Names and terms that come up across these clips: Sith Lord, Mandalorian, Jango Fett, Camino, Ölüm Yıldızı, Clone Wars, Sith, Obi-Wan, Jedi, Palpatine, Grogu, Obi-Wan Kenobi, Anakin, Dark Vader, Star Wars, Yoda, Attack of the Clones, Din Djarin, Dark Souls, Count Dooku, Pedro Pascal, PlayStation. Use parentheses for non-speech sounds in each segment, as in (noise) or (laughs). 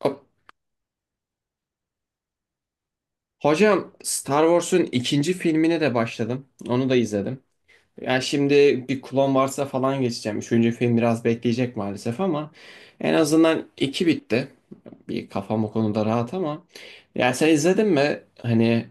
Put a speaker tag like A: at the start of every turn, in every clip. A: Hop. Hocam Star Wars'un ikinci filmine de başladım. Onu da izledim. Yani şimdi bir Clone Wars'a falan geçeceğim. Üçüncü film biraz bekleyecek maalesef ama en azından iki bitti. Bir kafam o konuda rahat ama. Ya sen izledin mi? Hani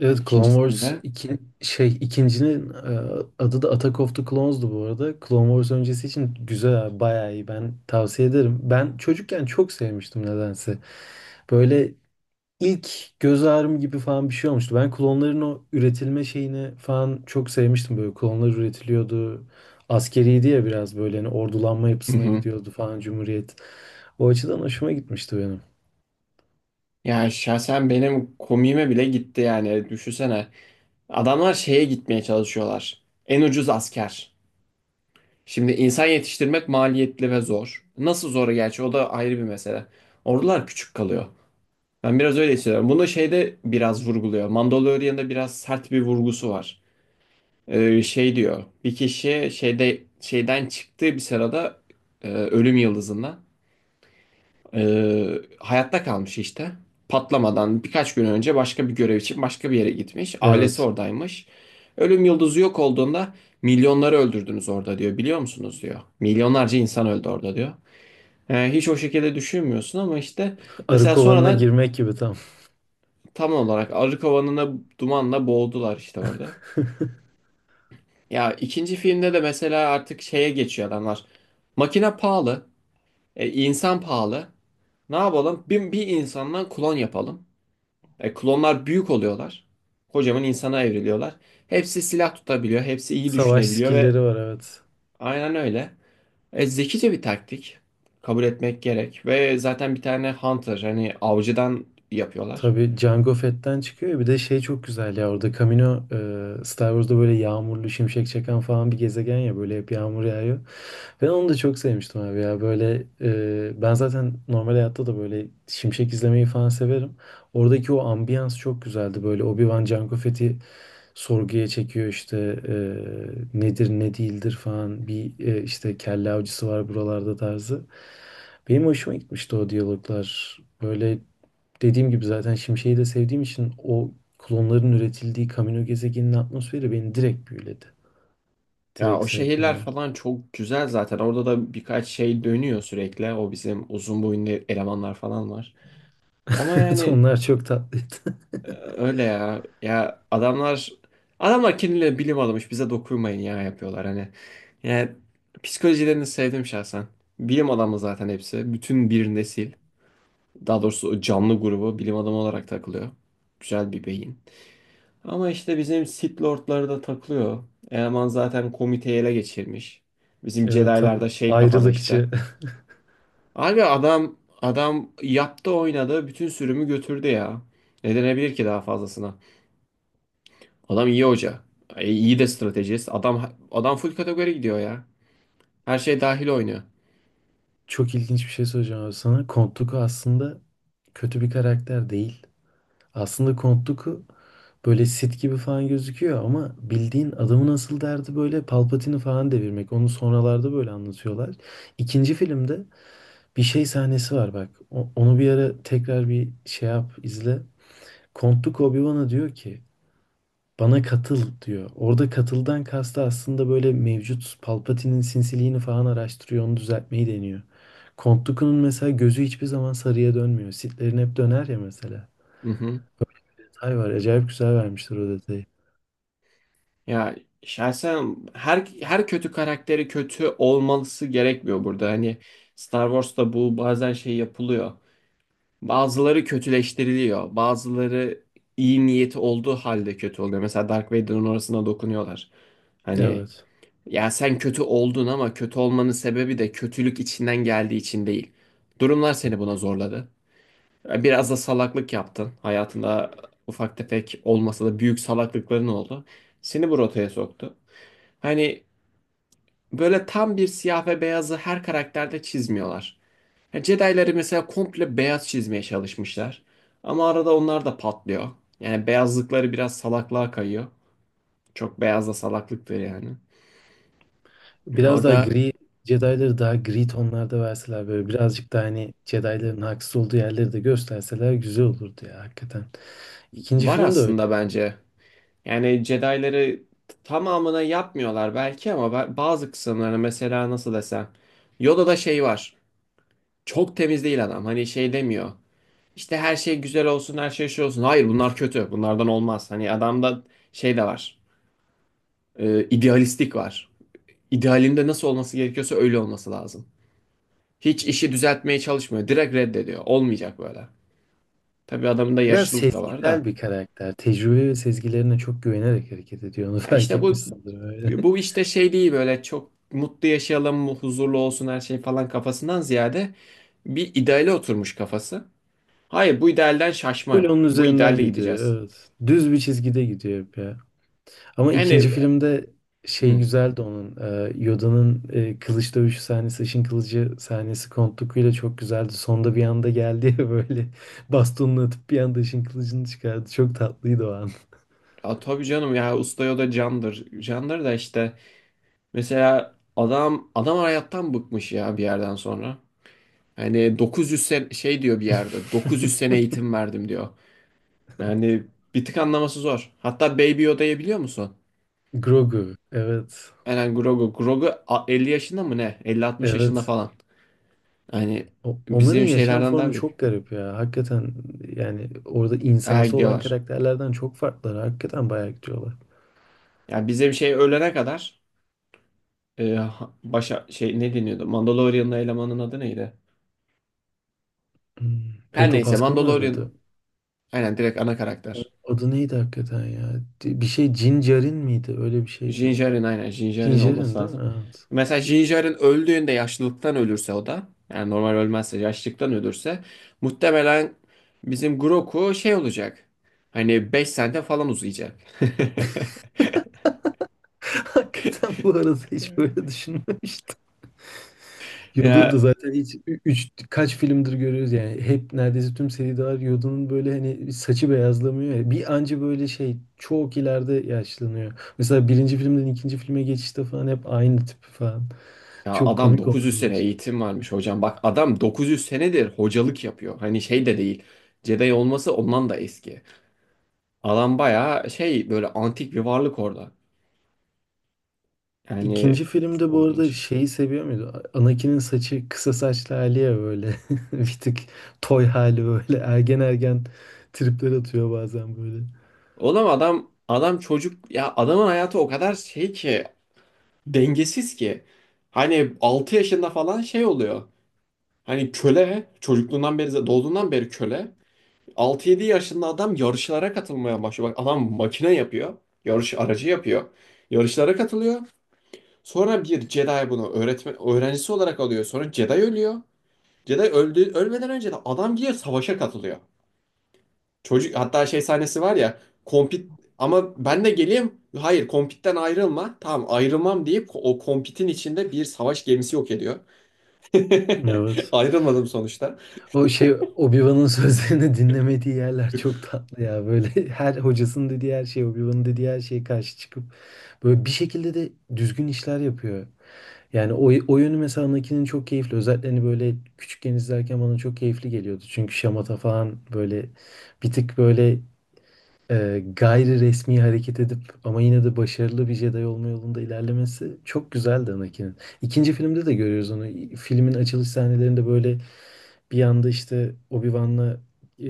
B: Evet Clone
A: ikincisini
B: Wars
A: de.
B: iki, ikincinin adı da Attack of the Clones'du bu arada. Clone Wars öncesi için güzel abi, bayağı iyi. Ben tavsiye ederim. Ben çocukken çok sevmiştim nedense. Böyle ilk göz ağrım gibi falan bir şey olmuştu. Ben klonların o üretilme şeyini falan çok sevmiştim. Böyle klonlar üretiliyordu. Askeriydi ya biraz böyle hani ordulanma
A: Hı
B: yapısına
A: hı.
B: gidiyordu falan Cumhuriyet. O açıdan hoşuma gitmişti benim.
A: Ya şahsen benim komiğime bile gitti yani. Düşünsene. Adamlar şeye gitmeye çalışıyorlar. En ucuz asker. Şimdi insan yetiştirmek maliyetli ve zor. Nasıl zor gerçi o da ayrı bir mesele. Ordular küçük kalıyor. Ben biraz öyle hissediyorum. Bunu şeyde biraz vurguluyor. Mandalorian'da biraz sert bir vurgusu var. Şey diyor. Bir kişi şeyde şeyden çıktığı bir sırada ölüm yıldızından hayatta kalmış işte. Patlamadan birkaç gün önce başka bir görev için başka bir yere gitmiş. Ailesi
B: Evet.
A: oradaymış. Ölüm yıldızı yok olduğunda milyonları öldürdünüz orada diyor. Biliyor musunuz diyor. Milyonlarca insan öldü orada diyor. Hiç o şekilde düşünmüyorsun ama işte
B: Arı
A: mesela
B: kovanına
A: sonradan
B: girmek gibi tam.
A: tam olarak arı kovanına dumanla boğdular işte orada.
B: (laughs)
A: Ya ikinci filmde de mesela artık şeye geçiyor adamlar. Makine pahalı, insan pahalı. Ne yapalım? Bir insandan klon yapalım. Klonlar büyük oluyorlar. Kocaman insana evriliyorlar. Hepsi silah tutabiliyor. Hepsi iyi
B: Savaş
A: düşünebiliyor ve
B: skill'leri var, evet.
A: aynen öyle. Zekice bir taktik. Kabul etmek gerek. Ve zaten bir tane hunter hani avcıdan yapıyorlar.
B: Tabii Jango Fett'ten çıkıyor ya, bir de şey çok güzel ya orada Camino, Star Wars'da böyle yağmurlu şimşek çakan falan bir gezegen ya, böyle hep yağmur yağıyor. Ben onu da çok sevmiştim abi ya, böyle ben zaten normal hayatta da böyle şimşek izlemeyi falan severim. Oradaki o ambiyans çok güzeldi, böyle Obi-Wan Jango Fett'i sorguya çekiyor işte, e, nedir ne değildir falan bir, işte kelle avcısı var buralarda tarzı. Benim hoşuma gitmişti o diyaloglar. Böyle dediğim gibi zaten Şimşek'i de sevdiğim için o klonların üretildiği Kamino gezegeninin atmosferi beni direkt büyüledi.
A: Ya
B: Direkt
A: o
B: sevdim
A: şehirler
B: yani.
A: falan çok güzel zaten. Orada da birkaç şey dönüyor sürekli. O bizim uzun boyunlu elemanlar falan var. Ama
B: (laughs)
A: yani
B: Onlar çok tatlıydı. (laughs)
A: öyle ya. Ya adamlar kendileri bilim adamıymış bize dokunmayın ya yapıyorlar hani. Yani psikolojilerini sevdim şahsen. Bilim adamı zaten hepsi. Bütün bir nesil. Daha doğrusu o canlı grubu bilim adamı olarak takılıyor. Güzel bir beyin. Ama işte bizim Sith Lord'ları da takılıyor. Eleman zaten komiteyi ele geçirmiş. Bizim
B: Evet,
A: Jedi'lar
B: tam
A: da şey kafada işte.
B: ayrılıkçı. (laughs)
A: Abi adam adam yaptı oynadı bütün sürümü götürdü ya. Ne denebilir ki daha fazlasına? Adam iyi hoca. İyi de stratejist. Adam adam full kategori gidiyor ya. Her şey dahil oynuyor.
B: Çok ilginç bir şey söyleyeceğim abi sana. Count Dooku aslında kötü bir karakter değil. Aslında Count Dooku böyle Sith gibi falan gözüküyor ama bildiğin adamın asıl derdi böyle Palpatine'i falan devirmek. Onu sonralarda böyle anlatıyorlar. İkinci filmde bir şey sahnesi var bak. Onu bir ara tekrar bir şey yap, izle. Kontuk Obi-Wan'a diyor ki bana katıl diyor. Orada katıldan kastı aslında böyle mevcut Palpatine'in sinsiliğini falan araştırıyor, onu düzeltmeyi deniyor. Count Dooku'nun mesela gözü hiçbir zaman sarıya dönmüyor. Sith'lerin hep döner ya mesela.
A: Hı hı.
B: Detay var, acayip güzel vermişler o detayı.
A: Ya şahsen her kötü karakteri kötü olması gerekmiyor burada. Hani Star Wars'ta bu bazen şey yapılıyor. Bazıları kötüleştiriliyor. Bazıları iyi niyeti olduğu halde kötü oluyor. Mesela Dark Vader'ın orasına dokunuyorlar. Hani
B: Evet.
A: ya sen kötü oldun ama kötü olmanın sebebi de kötülük içinden geldiği için değil. Durumlar seni buna zorladı. Biraz da salaklık yaptın. Hayatında ufak tefek olmasa da büyük salaklıkların oldu. Seni bu rotaya soktu. Hani böyle tam bir siyah ve beyazı her karakterde çizmiyorlar. Yani Jedi'ları mesela komple beyaz çizmeye çalışmışlar. Ama arada onlar da patlıyor. Yani beyazlıkları biraz salaklığa kayıyor. Çok beyaz da salaklıktır yani.
B: Biraz daha
A: Orada
B: gri, Jedi'ları daha gri tonlarda verseler, böyle birazcık daha hani Jedi'ların haksız olduğu yerleri de gösterseler güzel olurdu ya hakikaten. İkinci
A: var
B: film de öyle.
A: aslında bence. Yani Jedi'ları tamamına yapmıyorlar belki ama bazı kısımlarını mesela nasıl desem. Yoda'da şey var. Çok temiz değil adam. Hani şey demiyor. İşte her şey güzel olsun, her şey şey olsun. Hayır bunlar kötü. Bunlardan olmaz. Hani adamda şey de var. İdealistik var. İdealinde nasıl olması gerekiyorsa öyle olması lazım. Hiç işi düzeltmeye çalışmıyor. Direkt reddediyor. Olmayacak böyle. Tabii adamın da
B: Biraz
A: yaşlılık da var
B: sezgisel
A: da.
B: bir karakter. Tecrübe ve sezgilerine çok güvenerek hareket ediyor. Onu (laughs)
A: Ya
B: fark
A: işte
B: etmiş
A: bu
B: sanırım öyle.
A: bu işte şey değil böyle çok mutlu yaşayalım, huzurlu olsun her şey falan kafasından ziyade bir ideale oturmuş kafası. Hayır bu idealden
B: (laughs) Full
A: şaşmayın.
B: onun
A: Bu
B: üzerinden
A: idealde
B: gidiyor.
A: gideceğiz.
B: Evet. Düz bir çizgide gidiyor hep ya. Ama
A: Yani
B: ikinci filmde şey
A: hı,
B: güzeldi onun. Yoda'nın kılıç dövüşü sahnesi, ışın kılıcı sahnesi Count Dooku'yla çok güzeldi. Sonda bir anda geldi ya, (laughs) böyle bastonunu atıp bir anda ışın kılıcını çıkardı. Çok tatlıydı o an.
A: ya tabii canım ya usta o da candır. Candır da işte mesela adam adam hayattan bıkmış ya bir yerden sonra. Hani 900 şey diyor bir yerde 900 sene
B: (laughs)
A: eğitim verdim diyor. Yani bir tık anlaması zor. Hatta Baby Yoda'yı biliyor musun?
B: Grogu. Evet.
A: Eren Grogu. Grogu 50 yaşında mı ne? 50-60 yaşında
B: Evet.
A: falan. Yani
B: Onların
A: bizim
B: yaşam
A: şeylerden
B: formu
A: daha büyük.
B: çok garip ya. Hakikaten yani orada
A: Bayağı
B: insansı olan
A: gidiyorlar.
B: karakterlerden çok farklılar. Hakikaten bayağı gidiyorlar.
A: Yani bizim şey ölene kadar başa şey ne deniyordu? Mandalorian'ın elemanın adı neydi?
B: Hmm.
A: Her
B: Pedro
A: neyse
B: Pascal'ın
A: Mandalorian
B: oynadı.
A: aynen direkt ana karakter.
B: Adı neydi hakikaten ya? Bir şey Cincerin miydi? Öyle bir
A: Din
B: şeydi.
A: Djarin aynen Din Djarin
B: Cincerin
A: olması
B: değil mi?
A: lazım.
B: Evet.
A: Mesela Din Djarin öldüğünde yaşlılıktan ölürse o da yani normal ölmezse yaşlılıktan ölürse muhtemelen bizim Grogu şey olacak. Hani 5 sene falan uzayacak. (laughs)
B: (laughs) Hakikaten bu arada hiç böyle düşünmemiştim. Yoda
A: Ya,
B: da zaten hiç üç kaç filmdir görüyoruz yani, hep neredeyse tüm seriler Yoda'nın böyle hani saçı beyazlamıyor ya. Bir anca böyle şey çok ileride yaşlanıyor. Mesela birinci filmden ikinci filme geçişte falan hep aynı tip falan.
A: ya
B: Çok
A: adam
B: komik onları
A: 900 sene
B: yaşamış.
A: eğitim varmış hocam. Bak adam 900 senedir hocalık yapıyor. Hani şey de değil. Jedi olması ondan da eski. Adam bayağı şey böyle antik bir varlık orada. Yani
B: İkinci
A: çok
B: filmde bu arada
A: ilginç.
B: şeyi seviyor muydu? Anakin'in saçı kısa saçlı hali ya böyle. (laughs) Bir tık toy hali böyle. Ergen ergen tripler atıyor bazen böyle.
A: Oğlum adam adam çocuk ya adamın hayatı o kadar şey ki dengesiz ki. Hani 6 yaşında falan şey oluyor. Hani köle çocukluğundan beri doğduğundan beri köle. 6-7 yaşında adam yarışlara katılmaya başlıyor. Bak adam makine yapıyor. Yarış aracı yapıyor. Yarışlara katılıyor. Sonra bir Jedi bunu öğretmen öğrencisi olarak alıyor. Sonra Jedi ölüyor. Jedi öldü, ölmeden önce de adam gidiyor savaşa katılıyor. Çocuk hatta şey sahnesi var ya. Kompit ama ben de geleyim. Hayır kompitten ayrılma. Tamam ayrılmam deyip o kompitin içinde bir savaş gemisi yok ediyor. (laughs)
B: Evet.
A: Ayrılmadım sonuçta.
B: O şey Obi-Wan'ın (laughs) sözlerini dinlemediği yerler çok tatlı ya. Böyle (laughs) her hocasının dediği her şey, Obi-Wan'ın dediği her şeye karşı çıkıp böyle bir şekilde de düzgün işler yapıyor. Yani o, o yönü mesela Anakin'in çok keyifli. Özellikle hani böyle küçükken izlerken bana çok keyifli geliyordu. Çünkü şamata falan böyle bir tık böyle, gayri resmi hareket edip ama yine de başarılı bir Jedi olma yolunda ilerlemesi çok güzeldi Anakin'in. İkinci filmde de görüyoruz onu. Filmin açılış sahnelerinde böyle bir anda işte Obi-Wan'la, e,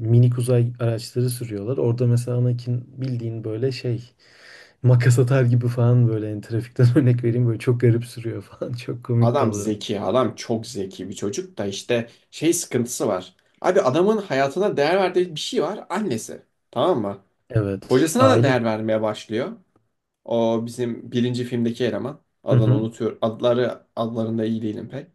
B: minik uzay araçları sürüyorlar. Orada mesela Anakin bildiğin böyle şey makas atar gibi falan, böyle yani trafikten (laughs) örnek vereyim, böyle çok garip sürüyor falan. (laughs) Çok komik de
A: Adam
B: oluyorlar.
A: zeki, adam çok zeki bir çocuk da işte şey sıkıntısı var. Abi adamın hayatına değer verdiği bir şey var, annesi. Tamam mı?
B: Evet.
A: Hocasına da
B: Aile.
A: değer vermeye başlıyor. O bizim birinci filmdeki eleman.
B: Hı
A: Adını
B: hı.
A: unutuyor. Adları adlarında iyi değilim pek.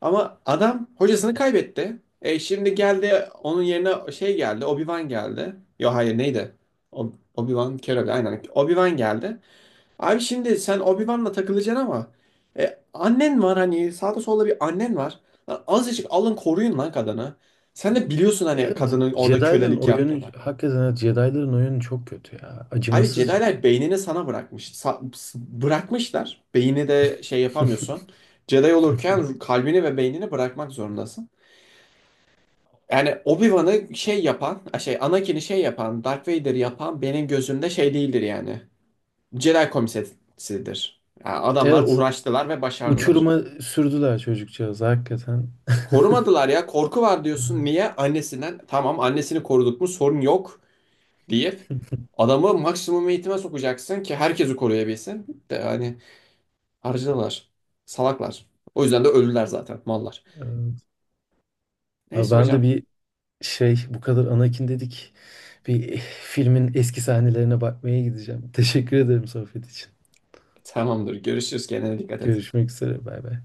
A: Ama adam hocasını kaybetti. E şimdi geldi onun yerine şey geldi. Obi-Wan geldi. Yo hayır neydi? Obi-Wan Kenobi aynen. Obi-Wan geldi. Abi şimdi sen Obi-Wan'la takılacaksın ama annen var hani sağda solda bir annen var. Lan azıcık alın koruyun lan kadını. Sen de biliyorsun hani
B: Evet,
A: kadının orada
B: Jedi'ların
A: kölelik
B: o yönü
A: yaptığını.
B: hakikaten, evet, Jedi'ların o yönü çok kötü ya.
A: Abi
B: Acımasızca.
A: Jedi'ler beynini sana bırakmış. Bırakmışlar. Beyni de şey
B: (laughs)
A: yapamıyorsun. Jedi olurken kalbini ve beynini bırakmak zorundasın. Yani Obi-Wan'ı şey yapan, şey Anakin'i şey yapan, Darth Vader yapan benim gözümde şey değildir yani. Jedi komiserisidir. Yani adamlar
B: Evet.
A: uğraştılar ve başardılar.
B: Uçuruma sürdüler çocukcağız hakikaten. (laughs)
A: Korumadılar ya. Korku var diyorsun. Niye? Annesinden. Tamam annesini koruduk mu sorun yok deyip adamı maksimum eğitime sokacaksın ki herkesi koruyabilsin. De yani harcadılar. Salaklar. O yüzden de öldüler zaten mallar.
B: Evet. Abi
A: Neyse
B: ben de
A: hocam.
B: bir şey bu kadar Anakin dedik. Bir filmin eski sahnelerine bakmaya gideceğim. (laughs) Teşekkür ederim sohbet için.
A: Tamamdır. Görüşürüz. Kendine dikkat et.
B: Görüşmek üzere. Bay bay.